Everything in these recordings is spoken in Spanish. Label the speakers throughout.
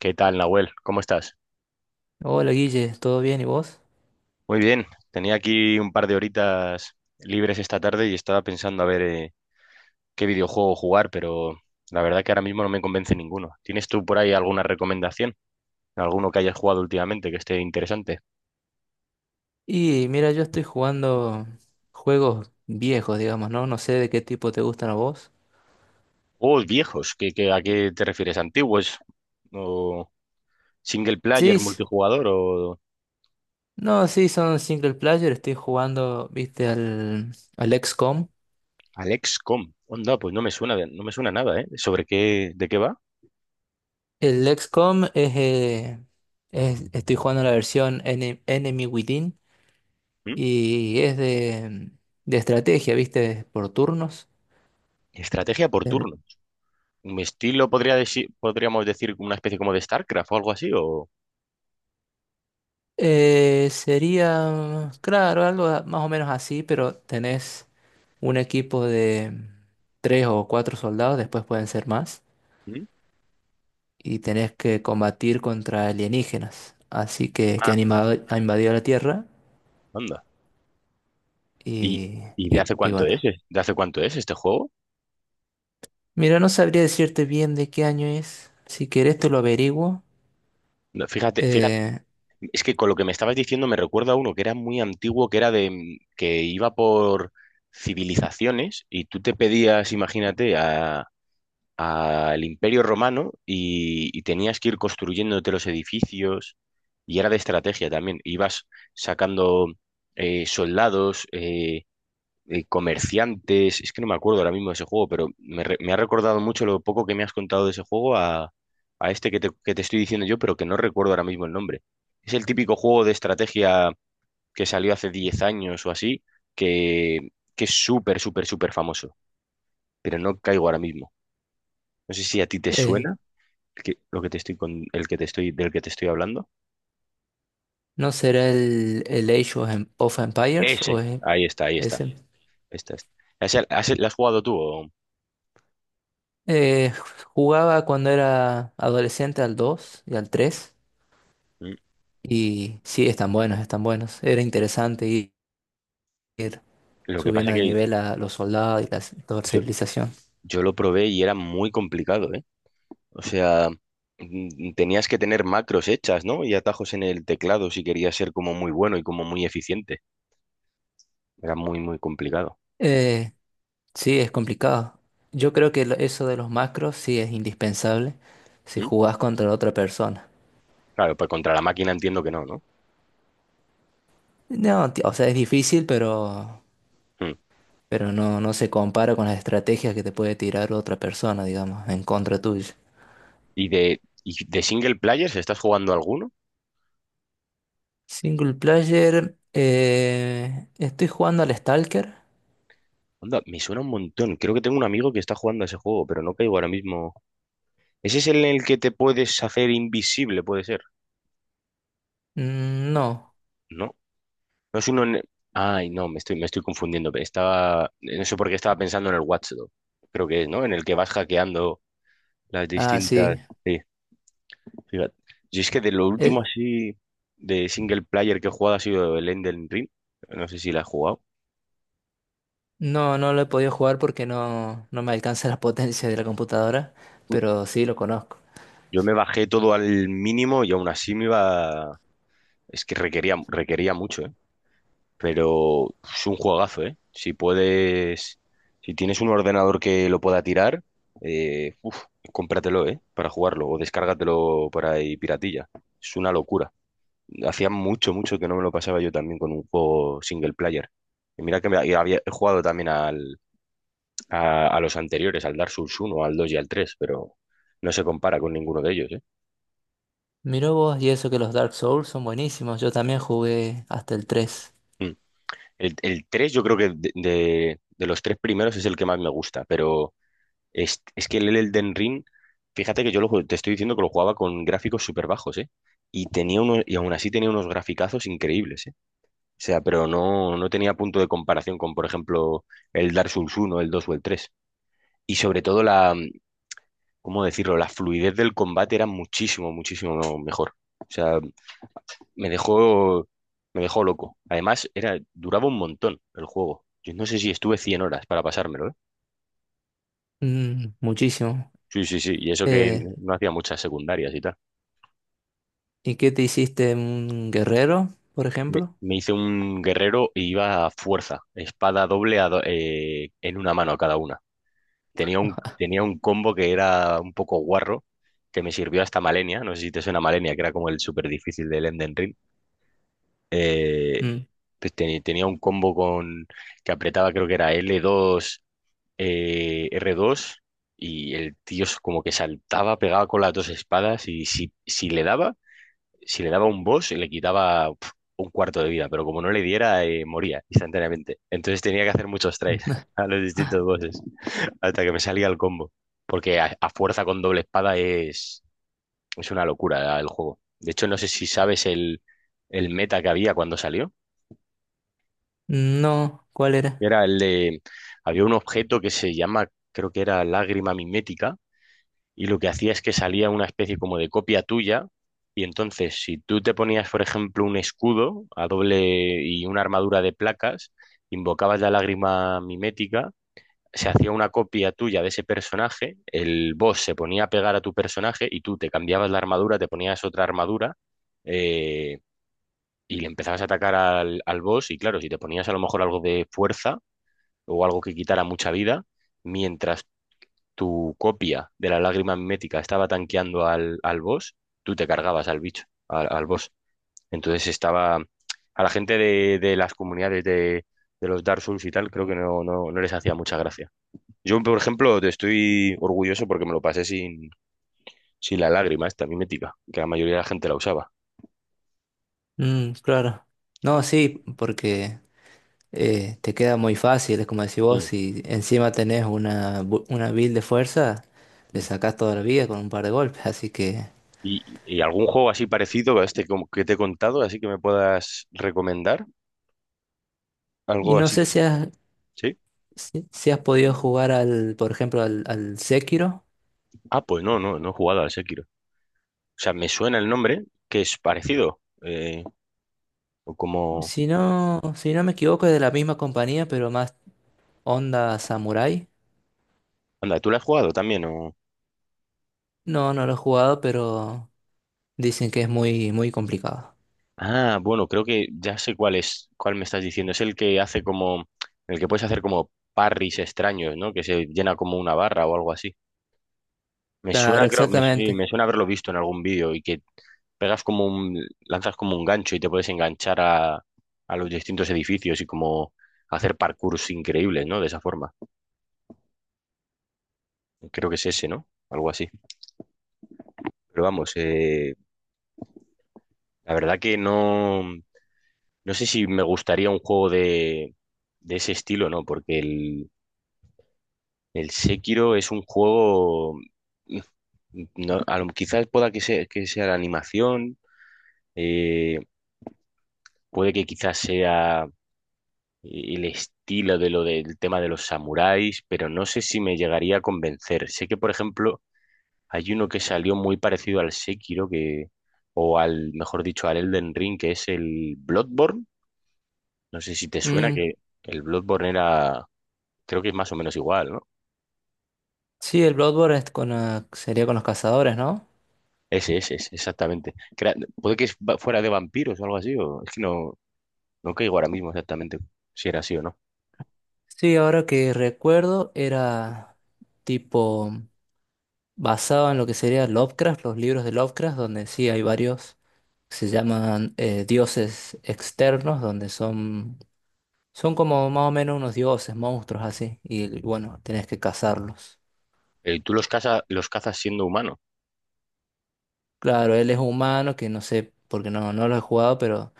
Speaker 1: ¿Qué tal, Nahuel? ¿Cómo estás?
Speaker 2: Hola Guille, ¿todo bien y vos?
Speaker 1: Muy bien. Tenía aquí un par de horitas libres esta tarde y estaba pensando a ver, qué videojuego jugar, pero la verdad que ahora mismo no me convence ninguno. ¿Tienes tú por ahí alguna recomendación? ¿Alguno que hayas jugado últimamente que esté interesante?
Speaker 2: Y mira, yo estoy jugando juegos viejos, digamos, ¿no? No sé de qué tipo te gustan a vos.
Speaker 1: Juegos viejos, ¿a qué te refieres? ¿Antiguos? ¿O single
Speaker 2: Sí,
Speaker 1: player,
Speaker 2: s-
Speaker 1: multijugador o
Speaker 2: no, sí, son single player, estoy jugando, viste, al XCOM.
Speaker 1: Alexcom? Onda, pues no me suena, no me suena nada, ¿eh? ¿Sobre qué, de qué va?
Speaker 2: El XCOM es, estoy jugando la versión Enemy Within
Speaker 1: ¿Mm?
Speaker 2: y es de estrategia, viste, por turnos.
Speaker 1: Estrategia por
Speaker 2: El-
Speaker 1: turno. Mi estilo, podríamos decir, una especie como de StarCraft o algo así.
Speaker 2: Sería, claro, más o menos así, pero tenés un equipo de tres o cuatro soldados, después pueden ser más,
Speaker 1: ¿Mm?
Speaker 2: y tenés que combatir contra alienígenas, así que,
Speaker 1: Ah,
Speaker 2: han invadido la Tierra
Speaker 1: anda. ¿Y,
Speaker 2: y,
Speaker 1: y de
Speaker 2: y,
Speaker 1: hace
Speaker 2: y
Speaker 1: cuánto
Speaker 2: bueno.
Speaker 1: es, ¿De hace cuánto es este juego?
Speaker 2: Mira, no sabría decirte bien de qué año es, si querés te lo averiguo.
Speaker 1: No, Fíjate,
Speaker 2: Eh,
Speaker 1: es que con lo que me estabas diciendo me recuerda a uno que era muy antiguo, que era de, que iba por civilizaciones y tú te pedías, imagínate, al Imperio Romano y tenías que ir construyéndote los edificios y era de estrategia también. Ibas sacando, soldados, comerciantes, es que no me acuerdo ahora mismo de ese juego, pero me ha recordado mucho lo poco que me has contado de ese juego a este que te estoy diciendo yo, pero que no recuerdo ahora mismo el nombre. Es el típico juego de estrategia que salió hace 10 años o así, que, que es súper, súper, súper famoso, pero no caigo ahora mismo. No sé si a ti te
Speaker 2: eh,
Speaker 1: suena lo que te estoy con, el que te estoy, del que te estoy hablando.
Speaker 2: ¿No será el Age of Empires
Speaker 1: Ese,
Speaker 2: o es
Speaker 1: ahí está, ahí está.
Speaker 2: ese?
Speaker 1: Está, está. ¿Lo has jugado tú?
Speaker 2: Eh, Jugaba cuando era adolescente al 2 y al tres.
Speaker 1: Mm.
Speaker 2: Y sí, están buenos, están buenos. Era interesante ir
Speaker 1: Lo que pasa
Speaker 2: subiendo de
Speaker 1: que
Speaker 2: nivel a los soldados y toda la
Speaker 1: yo,
Speaker 2: civilización.
Speaker 1: yo lo probé y era muy complicado, ¿eh? O sea, tenías que tener macros hechas, ¿no? Y atajos en el teclado si querías ser como muy bueno y como muy eficiente. Era muy, muy complicado.
Speaker 2: Eh, sí, es complicado. Yo creo que eso de los macros sí es indispensable si
Speaker 1: ¿Mm?
Speaker 2: jugás contra otra persona.
Speaker 1: Claro, pues contra la máquina entiendo que no, ¿no?
Speaker 2: No, o sea, es difícil,
Speaker 1: Mm.
Speaker 2: pero no, no se compara con las estrategias que te puede tirar otra persona, digamos, en contra tuya.
Speaker 1: ¿Y de single players estás jugando alguno?
Speaker 2: Single player, estoy jugando al Stalker.
Speaker 1: Onda, me suena un montón. Creo que tengo un amigo que está jugando a ese juego, pero no caigo ahora mismo. ¿Ese es el en el que te puedes hacer invisible, puede ser?
Speaker 2: Mm, no.
Speaker 1: ¿No? No es uno, ay, no, me estoy confundiendo. No sé por qué estaba pensando en el Watchdog. Creo que es, ¿no? En el que vas hackeando las
Speaker 2: Ah,
Speaker 1: distintas.
Speaker 2: sí.
Speaker 1: Sí, fíjate. Yo es que de lo último
Speaker 2: E-
Speaker 1: así de single player que he jugado ha sido el Elden Ring. No sé si la has jugado.
Speaker 2: No, no lo he podido jugar porque no, no me alcanza la potencia de la computadora,
Speaker 1: Uy,
Speaker 2: pero sí lo conozco.
Speaker 1: yo me bajé todo al mínimo y aún así me iba. Es que requería mucho, ¿eh? Pero es un juegazo, ¿eh? Si puedes, si tienes un ordenador que lo pueda tirar, eh, uf, cómpratelo, ¿eh? Para jugarlo o descárgatelo por ahí piratilla. Es una locura. Hacía mucho, mucho que no me lo pasaba yo también con un juego single player. Y mira que me- y había he jugado también a los anteriores, al Dark Souls uno, al 2 y al 3, pero no se compara con ninguno de ellos, ¿eh?
Speaker 2: Mirá vos, y eso que los Dark Souls son buenísimos. Yo también jugué hasta el tres.
Speaker 1: Mm. El 3 yo creo que de los tres primeros es el que más me gusta, pero es que el Elden Ring, fíjate que yo te estoy diciendo que lo jugaba con gráficos súper bajos, ¿eh? Y tenía uno, y aún así tenía unos graficazos increíbles, ¿eh? O sea, pero no, no tenía punto de comparación con, por ejemplo, el Dark Souls uno, el 2 o el tres. Y sobre todo ¿cómo decirlo? La fluidez del combate era muchísimo, muchísimo mejor. O sea, me dejó, me dejó loco. Además, duraba un montón el juego. Yo no sé si estuve 100 horas para pasármelo, ¿eh?
Speaker 2: Mm, muchísimo.
Speaker 1: Sí, sí, sí. Y eso que
Speaker 2: Eh,
Speaker 1: no hacía muchas secundarias y tal.
Speaker 2: ¿Y qué te hiciste? ¿Un guerrero, por
Speaker 1: Me,
Speaker 2: ejemplo?
Speaker 1: me hice un guerrero y iba a fuerza, espada doble en una mano cada una. Tenía un combo que era un poco guarro, que me sirvió hasta Malenia, no sé si te suena Malenia, que era como el súper difícil del Elden Ring. Eh,
Speaker 2: Mm.
Speaker 1: pues tenía un combo con que apretaba, creo que era L2, R2, y el tío como que saltaba, pegaba con las dos espadas, y si le daba un boss, le quitaba, un cuarto de vida, pero como no le diera, moría instantáneamente. Entonces tenía que hacer muchos tries
Speaker 2: Mm.
Speaker 1: a los distintos bosses hasta que me salía el combo. Porque a fuerza con doble espada es una locura el juego. De hecho, no sé si sabes el meta que había cuando salió.
Speaker 2: No, ¿cuál era?
Speaker 1: Era el de... Había un objeto que se llama, creo que era lágrima mimética, y lo que hacía es que salía una especie como de copia tuya, y entonces si tú te ponías, por ejemplo, un escudo a doble y una armadura de placas, invocabas la lágrima mimética, se hacía una copia tuya de ese personaje, el boss se ponía a pegar a tu personaje y tú te cambiabas la armadura, te ponías otra armadura, eh, y le empezabas a atacar al boss, y claro, si te ponías a lo mejor algo de fuerza o algo que quitara mucha vida, mientras tu copia de la lágrima mimética estaba tanqueando al boss, tú te cargabas al bicho, al boss. Entonces estaba. A la gente de las comunidades de los Dark Souls y tal, creo que no, no, no les hacía mucha gracia. Yo, por ejemplo, te estoy orgulloso porque me lo pasé sin la lágrima esta mimética, que la mayoría de la gente la usaba.
Speaker 2: Mm, claro. No, sí, porque te queda muy fácil, es como decís vos,
Speaker 1: Mm,
Speaker 2: si encima tenés una build de fuerza, le
Speaker 1: mm.
Speaker 2: sacás toda la vida con un par de golpes, así que...
Speaker 1: Y algún juego así parecido a este como que te he contado, así que me puedas recomendar?
Speaker 2: Y
Speaker 1: Algo
Speaker 2: no
Speaker 1: así,
Speaker 2: sé si has,
Speaker 1: ¿sí?
Speaker 2: si has podido jugar al, por ejemplo, al Sekiro.
Speaker 1: Ah, pues no, no, no he jugado al Sekiro. O sea, me suena el nombre, que es parecido. O como.
Speaker 2: Si no, si no me equivoco, es de la misma compañía, pero más onda Samurai.
Speaker 1: Anda, ¿tú lo has jugado también? O.
Speaker 2: No, no lo he jugado, pero dicen que es muy, muy complicado.
Speaker 1: Ah, bueno, creo que ya sé cuál es, cuál me estás diciendo. Es el que hace como. El que puedes hacer como parries extraños, ¿no? Que se llena como una barra o algo así. Me
Speaker 2: Claro,
Speaker 1: suena, creo, sí,
Speaker 2: exactamente.
Speaker 1: me suena haberlo visto en algún vídeo y que pegas como un. Lanzas como un gancho y te puedes enganchar a los distintos edificios y como hacer parkours increíbles, ¿no? De esa forma. Creo que es ese, ¿no? Algo así. Pero vamos, la verdad que no. No sé si me gustaría un juego de ese estilo, ¿no? Porque el Sekiro es un juego. No, quizás pueda que sea la animación, eh, puede que quizás sea el estilo de lo del tema de los samuráis, pero no sé si me llegaría a convencer. Sé que, por ejemplo, hay uno que salió muy parecido al Sekiro, mejor dicho, al Elden Ring, que es el Bloodborne. No sé si te suena que
Speaker 2: Mm,
Speaker 1: el Bloodborne era Creo que es más o menos igual, ¿no?
Speaker 2: sí, el Bloodborne es con, ah, sería con los cazadores, ¿no?
Speaker 1: Ese, exactamente. Puede que fuera de vampiros o algo así, o es que no, no caigo ahora mismo exactamente si era así o no.
Speaker 2: Sí, ahora que recuerdo, era tipo basado en lo que sería Lovecraft, los libros de Lovecraft, donde sí hay varios que se llaman dioses externos, donde son, son como más o menos unos dioses, monstruos así, y bueno, tenés que cazarlos.
Speaker 1: Pero ¿y tú los cazas siendo humano?
Speaker 2: Claro, él es humano, que no sé, porque no, no lo he jugado, pero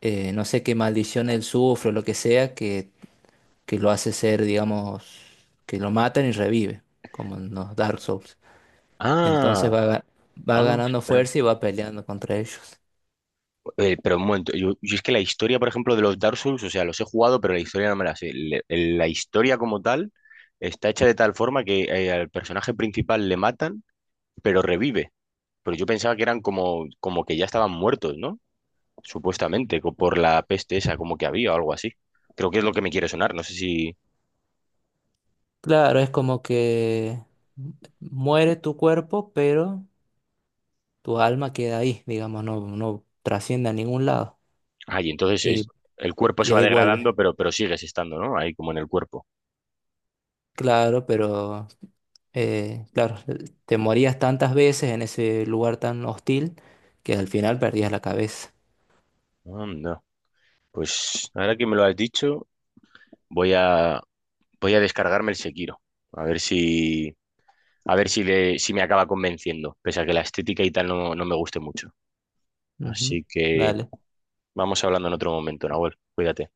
Speaker 2: no sé qué maldición él sufre o lo que sea, que lo hace ser, digamos, que lo matan y revive, como en los Dark Souls. Entonces
Speaker 1: Ah,
Speaker 2: va
Speaker 1: ah,
Speaker 2: ganando
Speaker 1: ostras.
Speaker 2: fuerza y va peleando contra ellos.
Speaker 1: Pero un momento, yo es que la historia, por ejemplo, de los Dark Souls, o sea, los he jugado, pero la historia no me la sé. La historia como tal está hecha de tal forma que, al personaje principal le matan, pero revive. Pero yo pensaba que eran como que ya estaban muertos, ¿no? Supuestamente, por la peste esa, como que había o algo así. Creo que es lo que me quiere sonar, no sé si.
Speaker 2: Claro, es como que muere tu cuerpo, pero tu alma queda ahí, digamos, no, no trasciende a ningún lado.
Speaker 1: Ay, entonces
Speaker 2: Y,
Speaker 1: el cuerpo
Speaker 2: y
Speaker 1: se va
Speaker 2: ahí vuelve.
Speaker 1: degradando, pero sigues estando, ¿no? Ahí como en el cuerpo.
Speaker 2: Claro, pero claro, te morías tantas veces en ese lugar tan hostil que al final perdías la cabeza.
Speaker 1: Anda. Pues ahora que me lo has dicho, voy a, voy a descargarme el Sekiro. A ver si, si me acaba convenciendo, pese a que la estética y tal no me guste mucho.
Speaker 2: Ujú.
Speaker 1: Así que
Speaker 2: Dale.
Speaker 1: vamos hablando en otro momento, Nahuel. Cuídate.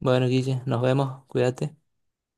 Speaker 2: Bueno, Guille, nos vemos, cuídate.